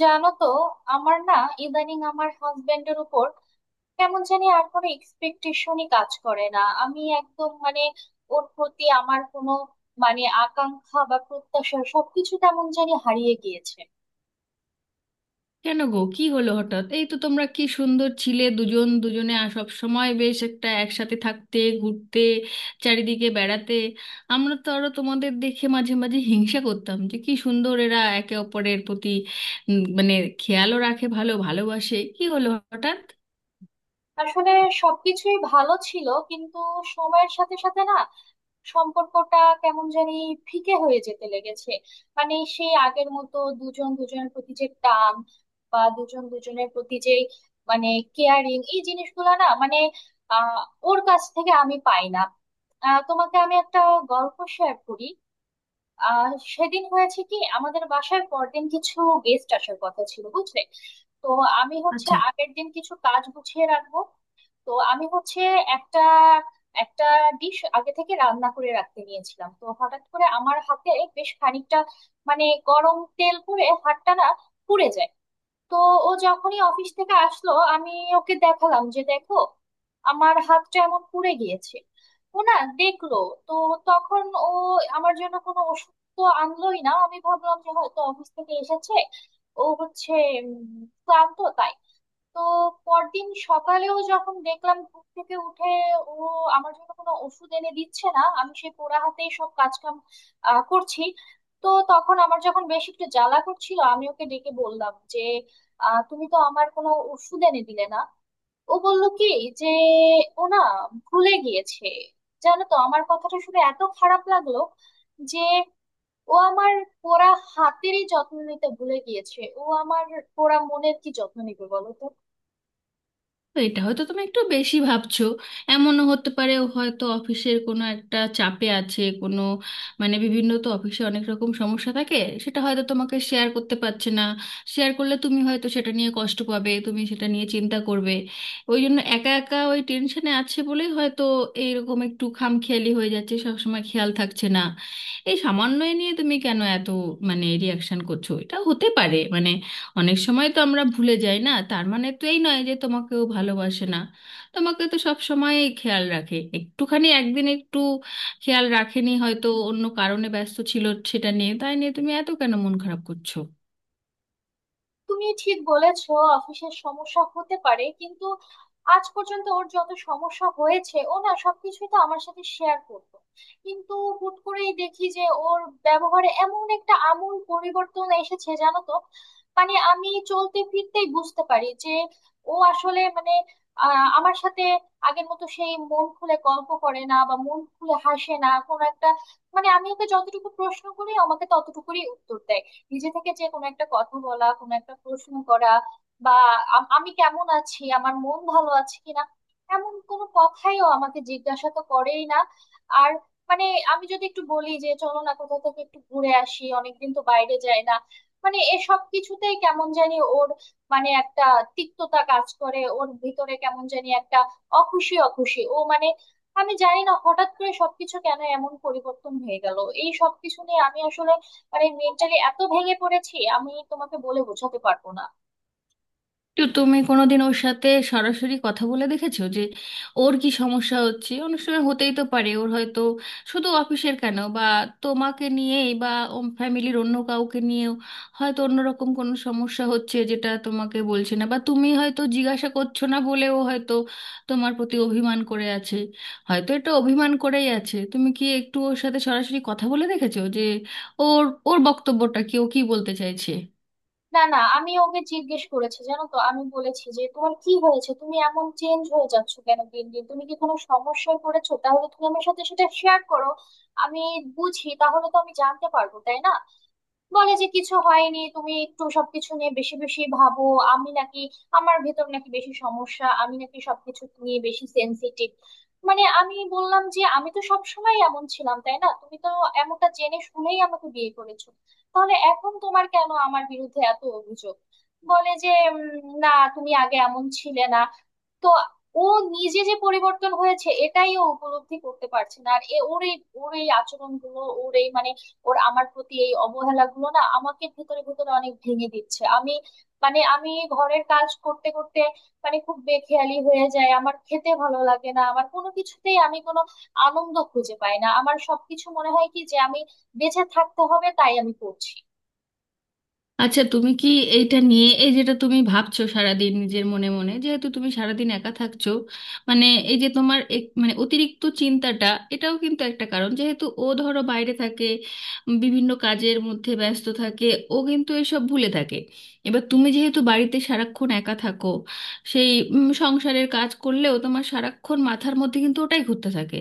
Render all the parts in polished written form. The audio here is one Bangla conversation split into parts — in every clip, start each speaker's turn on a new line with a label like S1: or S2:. S1: জানো তো, আমার না ইদানিং আমার হাজবেন্ডের উপর কেমন জানি আর কোনো এক্সপেকটেশনই কাজ করে না। আমি একদম মানে ওর প্রতি আমার কোনো মানে আকাঙ্ক্ষা বা প্রত্যাশা সবকিছু কেমন জানি হারিয়ে গিয়েছে।
S2: কেন গো, কি হলো হঠাৎ? এই তো তোমরা কি সুন্দর ছিলে, দুজন দুজনে। আর সব সময় বেশ একটা একসাথে থাকতে, ঘুরতে, চারিদিকে বেড়াতে। আমরা তো আরো তোমাদের দেখে মাঝে মাঝে হিংসা করতাম যে কি সুন্দর এরা একে অপরের প্রতি মানে খেয়ালও রাখে, ভালো ভালোবাসে। কি হলো হঠাৎ?
S1: আসলে সবকিছুই ভালো ছিল, কিন্তু সময়ের সাথে সাথে না সম্পর্কটা কেমন জানি ফিকে হয়ে যেতে লেগেছে। মানে সেই আগের মতো দুজন দুজনের প্রতি যে টান বা দুজন দুজনের প্রতি যে মানে কেয়ারিং এই জিনিসগুলো না মানে আহ ওর কাছ থেকে আমি পাই না। তোমাকে আমি একটা গল্প শেয়ার করি। সেদিন হয়েছে কি আমাদের বাসায় পরদিন কিছু গেস্ট আসার কথা ছিল, বুঝলে। তো আমি হচ্ছে
S2: আচ্ছা,
S1: আগের দিন কিছু কাজ গুছিয়ে রাখবো। তো আমি হচ্ছে একটা একটা ডিশ আগে থেকে রান্না করে রাখতে নিয়েছিলাম, তো হঠাৎ করে আমার হাতে বেশ খানিকটা মানে গরম তেল পড়ে হাতটা না পুড়ে যায়। তো ও যখনই অফিস থেকে আসলো, আমি ওকে দেখালাম যে দেখো আমার হাতটা এমন পুড়ে গিয়েছে। ও না দেখলো। তো তখন ও আমার জন্য কোনো ওষুধ তো আনলোই না। আমি ভাবলাম যে হয়তো অফিস থেকে এসেছে, ও হচ্ছে উম, ক্লান্ত তাই। তো পরদিন সকালেও যখন দেখলাম ঘুম থেকে উঠে ও আমার জন্য কোনো ওষুধ এনে দিচ্ছে না, আমি সেই পোড়া হাতেই সব কাজকাম করছি। তো তখন আমার যখন বেশ একটু জ্বালা করছিল আমি ওকে ডেকে বললাম যে তুমি তো আমার কোনো ওষুধ এনে দিলে না। ও বলল কি যে ও না ভুলে গিয়েছে। জানো তো আমার কথাটা শুনে এত খারাপ লাগলো যে ও আমার পোড়া হাতেরই যত্ন নিতে ভুলে গিয়েছে, ও আমার পোড়া মনের কি যত্ন নিবে বলো তো।
S2: এটা হয়তো তুমি একটু বেশি ভাবছো। এমনও হতে পারে ও হয়তো অফিসের কোনো একটা চাপে আছে। কোনো মানে, বিভিন্ন তো অফিসে অনেক রকম সমস্যা থাকে, সেটা হয়তো তোমাকে শেয়ার করতে পারছে না। শেয়ার করলে তুমি হয়তো সেটা নিয়ে কষ্ট পাবে, তুমি সেটা নিয়ে চিন্তা করবে, ওই জন্য একা একা ওই টেনশনে আছে বলেই হয়তো এইরকম একটু খামখেয়ালি হয়ে যাচ্ছে, সবসময় খেয়াল থাকছে না। এই সামান্য এ নিয়ে তুমি কেন এত মানে রিয়াকশন করছো? এটা হতে পারে, মানে অনেক সময় তো আমরা ভুলে যাই, না? তার মানে তো এই নয় যে তোমাকেও ভালোবাসে না। তোমাকে তো সব সময় খেয়াল রাখে, একটুখানি একদিন একটু খেয়াল রাখেনি, হয়তো অন্য কারণে ব্যস্ত ছিল। সেটা নিয়ে, তাই নিয়ে তুমি এত কেন মন খারাপ করছো?
S1: তুমি ঠিক বলেছো, অফিসের সমস্যা হতে পারে কিন্তু আজ পর্যন্ত ওর যত সমস্যা হয়েছে ও না সবকিছুই তো আমার সাথে শেয়ার করতো। কিন্তু হুট করেই দেখি যে ওর ব্যবহারে এমন একটা আমূল পরিবর্তন এসেছে, জানো তো। মানে আমি চলতে ফিরতেই বুঝতে পারি যে ও আসলে মানে আমার সাথে আগের মতো সেই মন খুলে গল্প করে না বা মন খুলে হাসে না কোনো একটা। মানে আমি ওকে যতটুকু প্রশ্ন করি ও আমাকে ততটুকুই উত্তর দেয়। নিজে থেকে যে কোনো একটা কথা বলা কোনো একটা প্রশ্ন করা বা আমি কেমন আছি আমার মন ভালো আছে কিনা এমন কোনো কথাইও আমাকে জিজ্ঞাসা তো করেই না। আর মানে আমি যদি একটু বলি যে চলো না কোথাও থেকে একটু ঘুরে আসি, অনেকদিন তো বাইরে যায় না, মানে এসব কিছুতেই কেমন জানি ওর মানে একটা তিক্ততা কাজ করে ওর ভিতরে কেমন জানি একটা অখুশি অখুশি ও মানে। আমি জানি না হঠাৎ করে সবকিছু কেন এমন পরিবর্তন হয়ে গেল। এই সবকিছু নিয়ে আমি আসলে মানে মেন্টালি এত ভেঙে পড়েছি আমি তোমাকে বলে বোঝাতে পারবো না।
S2: তো তুমি কোনোদিন ওর সাথে সরাসরি কথা বলে দেখেছো যে ওর কি সমস্যা হচ্ছে? অনেক সময় হতেই তো পারে ওর হয়তো শুধু অফিসের কেন বা তোমাকে নিয়েই বা ফ্যামিলির অন্য কাউকে নিয়েও হয়তো অন্যরকম কোনো সমস্যা হচ্ছে, যেটা তোমাকে বলছে না, বা তুমি হয়তো জিজ্ঞাসা করছো না বলেও হয়তো তোমার প্রতি অভিমান করে আছে। হয়তো এটা অভিমান করেই আছে। তুমি কি একটু ওর সাথে সরাসরি কথা বলে দেখেছো যে ওর ওর বক্তব্যটা কি, ও কি বলতে চাইছে?
S1: না, না, আমি ওকে জিজ্ঞেস করেছি, জানো তো আমি বলেছি যে তোমার কি হয়েছে তুমি এমন চেঞ্জ হয়ে যাচ্ছ কেন দিন দিন, তুমি কি কোনো সমস্যায় পড়েছো, তাহলে তুমি আমার সাথে সেটা শেয়ার করো, আমি বুঝি, তাহলে তো আমি জানতে পারবো তাই না। বলে যে কিছু হয়নি, তুমি একটু সবকিছু নিয়ে বেশি বেশি ভাবো, আমি নাকি আমার ভেতর নাকি বেশি সমস্যা আমি নাকি সবকিছু নিয়ে বেশি সেনসিটিভ। মানে আমি বললাম যে আমি তো সবসময় এমন ছিলাম তাই না, তুমি তো এমনটা জেনে শুনেই আমাকে বিয়ে করেছো, তাহলে এখন তোমার কেন আমার বিরুদ্ধে এত অভিযোগ। বলে যে না তুমি আগে এমন ছিলে না। তো ও নিজে যে পরিবর্তন হয়েছে এটাই ও উপলব্ধি করতে পারছে না আর ওর এই ওর এই আচরণগুলো ওর এই মানে ওর আমার প্রতি এই অবহেলা গুলো না আমাকে ভেতরে ভেতরে অনেক ভেঙে দিচ্ছে। আমি মানে আমি ঘরের কাজ করতে করতে মানে খুব বেখেয়ালি হয়ে যায়, আমার খেতে ভালো লাগে না, আমার কোনো কিছুতেই আমি কোনো আনন্দ খুঁজে পাই না, আমার সবকিছু মনে হয় কি যে আমি বেঁচে থাকতে হবে তাই আমি করছি।
S2: আচ্ছা, তুমি কি এইটা নিয়ে, এই যেটা তুমি ভাবছো সারাদিন নিজের মনে মনে, যেহেতু তুমি সারাদিন একা থাকছো, মানে এই যে তোমার মানে অতিরিক্ত চিন্তাটা, এটাও কিন্তু একটা কারণ। যেহেতু ও ধরো বাইরে থাকে, বিভিন্ন কাজের মধ্যে ব্যস্ত থাকে, ও কিন্তু এসব ভুলে থাকে। এবার তুমি যেহেতু বাড়িতে সারাক্ষণ একা থাকো, সেই সংসারের কাজ করলেও তোমার সারাক্ষণ মাথার মধ্যে কিন্তু ওটাই ঘুরতে থাকে।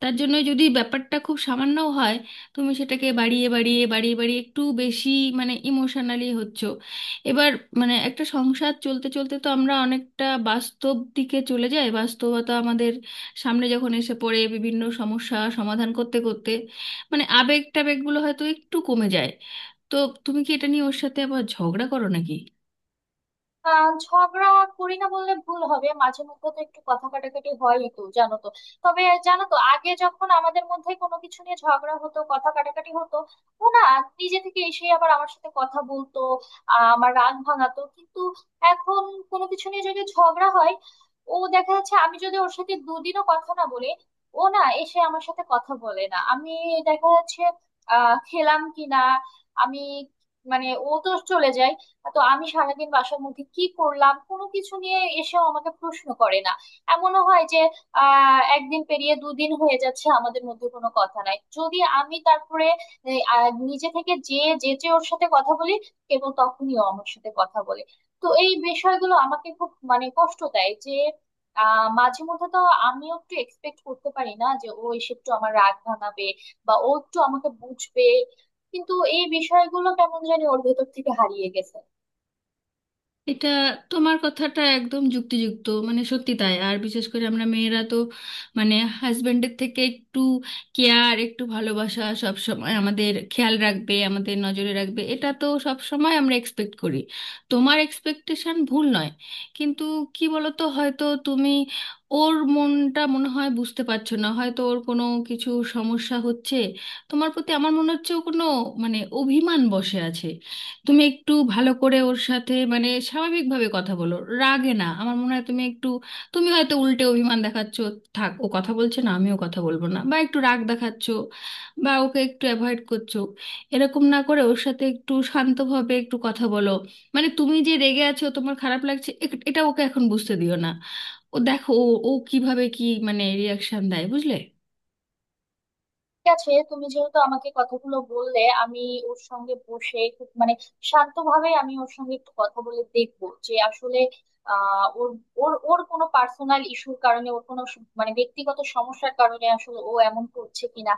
S2: তার জন্য যদি ব্যাপারটা খুব সামান্যও হয়, তুমি সেটাকে বাড়িয়ে বাড়িয়ে বাড়িয়ে বাড়িয়ে একটু বেশি মানে ইমোশনালি হচ্ছ। এবার মানে একটা সংসার চলতে চলতে তো আমরা অনেকটা বাস্তব দিকে চলে যাই, বাস্তবতা আমাদের সামনে যখন এসে পড়ে, বিভিন্ন সমস্যা সমাধান করতে করতে মানে আবেগ টাবেগগুলো হয়তো একটু কমে যায়। তো তুমি কি এটা নিয়ে ওর সাথে আবার ঝগড়া করো নাকি?
S1: ঝগড়া করি না বললে ভুল হবে, মাঝে মধ্যে তো একটু কথা কাটাকাটি হয়ই তো, জানো তো। তবে জানো তো আগে যখন আমাদের মধ্যে কোনো কিছু নিয়ে ঝগড়া হতো কথা কাটাকাটি হতো, ও না নিজে থেকে এসে আবার আমার সাথে কথা বলতো, আমার রাগ ভাঙাতো, কিন্তু এখন কোনো কিছু নিয়ে যদি ঝগড়া হয়, ও দেখা যাচ্ছে আমি যদি ওর সাথে দুদিনও কথা না বলি ও না এসে আমার সাথে কথা বলে না। আমি দেখা যাচ্ছে খেলাম কিনা আমি মানে ও তো চলে যায়, তো আমি সারাদিন বাসার মধ্যে কি করলাম কোনো কিছু নিয়ে এসেও আমাকে প্রশ্ন করে না। এমনও হয় যে একদিন পেরিয়ে দুদিন হয়ে যাচ্ছে আমাদের মধ্যে কোনো কথা নাই, যদি আমি তারপরে নিজে থেকে যে যেচে ওর সাথে কথা বলি কেবল তখনই ও আমার সাথে কথা বলে। তো এই বিষয়গুলো আমাকে খুব মানে কষ্ট দেয় যে মাঝে মধ্যে তো আমিও একটু এক্সপেক্ট করতে পারি না যে ও এসে একটু আমার রাগ ভাঙাবে বা ও একটু আমাকে বুঝবে, কিন্তু এই বিষয়গুলো কেমন জানি ওর ভেতর থেকে হারিয়ে গেছে।
S2: এটা, তোমার কথাটা একদম যুক্তিযুক্ত, মানে সত্যি তাই। আর বিশেষ করে আমরা মেয়েরা তো মানে হাজবেন্ডের থেকে একটু কেয়ার, একটু ভালোবাসা, সব সময় আমাদের খেয়াল রাখবে, আমাদের নজরে রাখবে, এটা তো সব সময় আমরা এক্সপেক্ট করি। তোমার এক্সপেকটেশন ভুল নয়। কিন্তু কি বলতো, হয়তো তুমি ওর মনটা মনে হয় বুঝতে পারছো না। হয়তো ওর কোনো কিছু সমস্যা হচ্ছে, তোমার প্রতি আমার মনে হচ্ছে ও কোনো মানে অভিমান বসে আছে। তুমি একটু ভালো করে ওর সাথে মানে স্বাভাবিকভাবে কথা বলো, রাগে না। আমার মনে হয় তুমি একটু, তুমি হয়তো উল্টে অভিমান দেখাচ্ছ। থাক, ও কথা বলছে না আমিও কথা বলবো না, বা একটু রাগ দেখাচ্ছ, বা ওকে একটু অ্যাভয়েড করছো। এরকম না করে ওর সাথে একটু শান্তভাবে একটু কথা বলো। মানে তুমি যে রেগে আছো, তোমার খারাপ লাগছে, এটা ওকে এখন বুঝতে দিও না। ও দেখো ও ও কিভাবে কি মানে রিয়াকশন দেয়, বুঝলে।
S1: ঠিক আছে, তুমি যেহেতু আমাকে কথাগুলো বললে, আমি ওর সঙ্গে বসে খুব মানে শান্তভাবে আমি ওর সঙ্গে একটু কথা বলে দেখবো যে আসলে ওর ওর ওর কোনো পার্সোনাল ইস্যুর কারণে ওর কোনো মানে ব্যক্তিগত সমস্যার কারণে আসলে ও এমন করছে কিনা।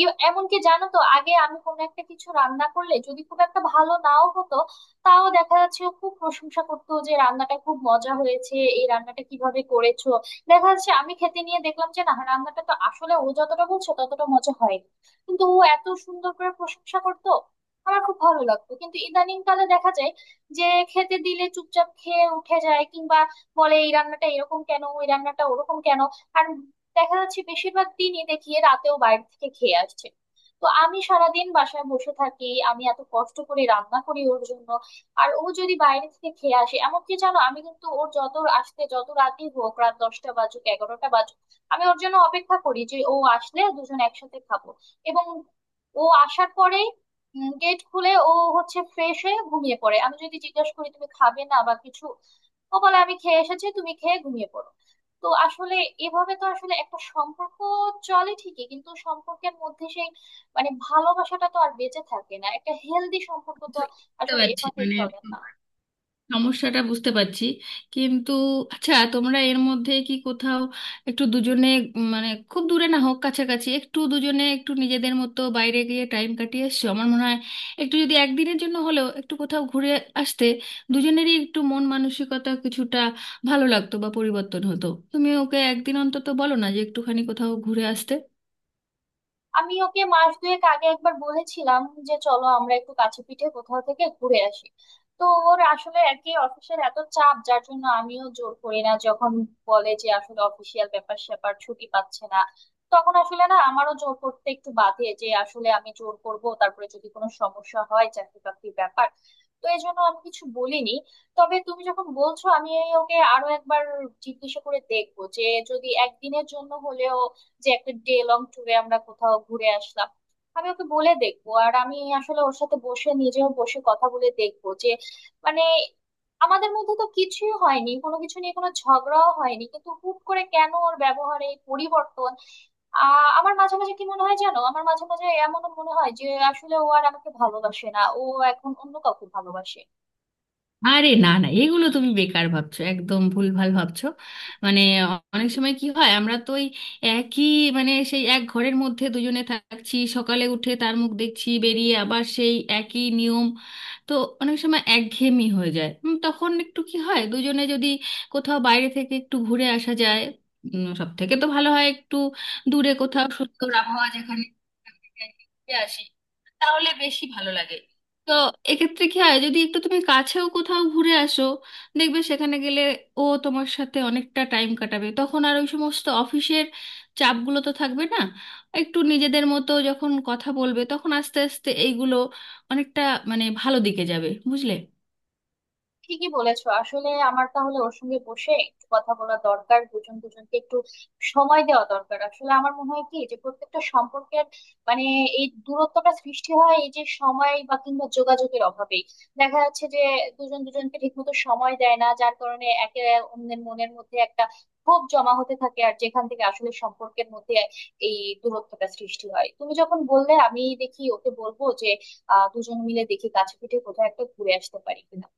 S1: এমনকি জানো তো আগে আমি কোনো একটা কিছু রান্না করলে যদি খুব একটা ভালো নাও হতো, তাও দেখা যাচ্ছে ও খুব প্রশংসা করতো যে রান্নাটা খুব মজা হয়েছে এই রান্নাটা কিভাবে করেছো। দেখা যাচ্ছে আমি খেতে নিয়ে দেখলাম যে না রান্নাটা তো আসলে ও যতটা বলছে ততটা মজা হয়নি, কিন্তু ও এত সুন্দর করে প্রশংসা করতো আমার খুব ভালো লাগতো। কিন্তু ইদানিং কালে দেখা যায় যে খেতে দিলে চুপচাপ খেয়ে উঠে যায় কিংবা বলে এই রান্নাটা এরকম কেন ওই রান্নাটা ওরকম কেন। আর দেখা যাচ্ছে বেশিরভাগ দিনই দেখি রাতেও বাইরে থেকে খেয়ে আসছে, তো আমি সারাদিন বাসায় বসে থাকি আমি এত কষ্ট করে রান্না করি ওর জন্য আর ও যদি বাইরে থেকে খেয়ে আসে। এমনকি জানো আমি কিন্তু ওর যত আসতে যত রাতই হোক, রাত 10টা বাজুক 11টা বাজুক, আমি ওর জন্য অপেক্ষা করি যে ও আসলে দুজন একসাথে খাবো। এবং ও আসার পরে গেট খুলে ও হচ্ছে ফ্রেশ হয়ে ঘুমিয়ে পড়ে, আমি যদি জিজ্ঞাসা করি তুমি খাবে না বা কিছু, ও বলে আমি খেয়ে এসেছি তুমি খেয়ে ঘুমিয়ে পড়ো। তো আসলে এভাবে তো আসলে একটা সম্পর্ক চলে ঠিকই কিন্তু সম্পর্কের মধ্যে সেই মানে ভালোবাসাটা তো আর বেঁচে থাকে না, একটা হেলদি সম্পর্ক তো
S2: বুঝতে
S1: আসলে
S2: পারছি
S1: এভাবে
S2: মানে,
S1: চলে না।
S2: সমস্যাটা বুঝতে পারছি, কিন্তু আচ্ছা তোমরা এর মধ্যে কি কোথাও একটু দুজনে মানে খুব দূরে না হোক, কাছাকাছি একটু দুজনে একটু নিজেদের মতো বাইরে গিয়ে টাইম কাটিয়ে এসছো? আমার মনে হয় একটু যদি একদিনের জন্য হলেও একটু কোথাও ঘুরে আসতে, দুজনেরই একটু মন মানসিকতা কিছুটা ভালো লাগতো বা পরিবর্তন হতো। তুমি ওকে একদিন অন্তত বলো না যে একটুখানি কোথাও ঘুরে আসতে।
S1: আমি ওকে মাস দুয়েক আগে একবার বলেছিলাম যে চলো আমরা একটু কাছে পিঠে কোথাও থেকে ঘুরে আসি। তো ওর আসলে আর কি অফিসের এত চাপ যার জন্য আমিও জোর করি না, যখন বলে যে আসলে অফিসিয়াল ব্যাপার স্যাপার ছুটি পাচ্ছে না, তখন আসলে না আমারও জোর করতে একটু বাধে যে আসলে আমি জোর করব তারপরে যদি কোনো সমস্যা হয় চাকরি বাকরির ব্যাপার। তো এই জন্য আমি কিছু বলিনি। তবে তুমি যখন বলছো আমি ওকে আরো একবার জিজ্ঞাসা করে দেখবো যে যদি একদিনের জন্য হলেও যে একটা ডে লং ট্যুরে আমরা কোথাও ঘুরে আসলাম। আমি ওকে বলে দেখবো আর আমি আসলে ওর সাথে বসে নিজেও বসে কথা বলে দেখবো যে মানে আমাদের মধ্যে তো কিছুই হয়নি কোনো কিছু নিয়ে কোনো ঝগড়াও হয়নি কিন্তু হুট করে কেন ওর ব্যবহারে এই পরিবর্তন। আমার মাঝে মাঝে কি মনে হয় জানো, আমার মাঝে মাঝে এমন মনে হয় যে আসলে ও আর আমাকে ভালোবাসে না, ও এখন অন্য কাউকে ভালোবাসে।
S2: আরে না না, এগুলো তুমি বেকার ভাবছো, একদম ভুলভাল ভাবছো। মানে অনেক সময় কি হয়, আমরা তো ওই একই মানে সেই এক ঘরের মধ্যে দুজনে থাকছি, সকালে উঠে তার মুখ দেখছি, বেরিয়ে আবার সেই একই নিয়ম। তো অনেক সময় একঘেয়েমি হয়ে যায়। তখন একটু কি হয়, দুজনে যদি কোথাও বাইরে থেকে একটু ঘুরে আসা যায়, সব থেকে তো ভালো হয় একটু দূরে কোথাও সুন্দর আবহাওয়া যেখানে ঘুরে আসি, তাহলে বেশি ভালো লাগে। তো এক্ষেত্রে কি হয়, যদি একটু তুমি কাছেও কোথাও ঘুরে আসো, দেখবে সেখানে গেলে ও তোমার সাথে অনেকটা টাইম কাটাবে, তখন আর ওই সমস্ত অফিসের চাপগুলো তো থাকবে না। একটু নিজেদের মতো যখন কথা বলবে, তখন আস্তে আস্তে এইগুলো অনেকটা মানে ভালো দিকে যাবে, বুঝলে।
S1: ঠিকই বলেছো, আসলে আমার তাহলে ওর সঙ্গে বসে একটু কথা বলা দরকার, দুজন দুজনকে একটু সময় দেওয়া দরকার। আসলে আমার মনে হয় কি যে প্রত্যেকটা সম্পর্কের মানে এই দূরত্বটা সৃষ্টি হয় এই যে সময় বা কিংবা যোগাযোগের অভাবেই। দেখা যাচ্ছে যে দুজন দুজনকে ঠিকমতো সময় দেয় না যার কারণে একে অন্যের মনের মধ্যে একটা ক্ষোভ জমা হতে থাকে আর যেখান থেকে আসলে সম্পর্কের মধ্যে এই দূরত্বটা সৃষ্টি হয়। তুমি যখন বললে আমি দেখি ওকে বলবো যে দুজন মিলে দেখি কাছে পিঠে কোথাও একটা ঘুরে আসতে পারি কিনা।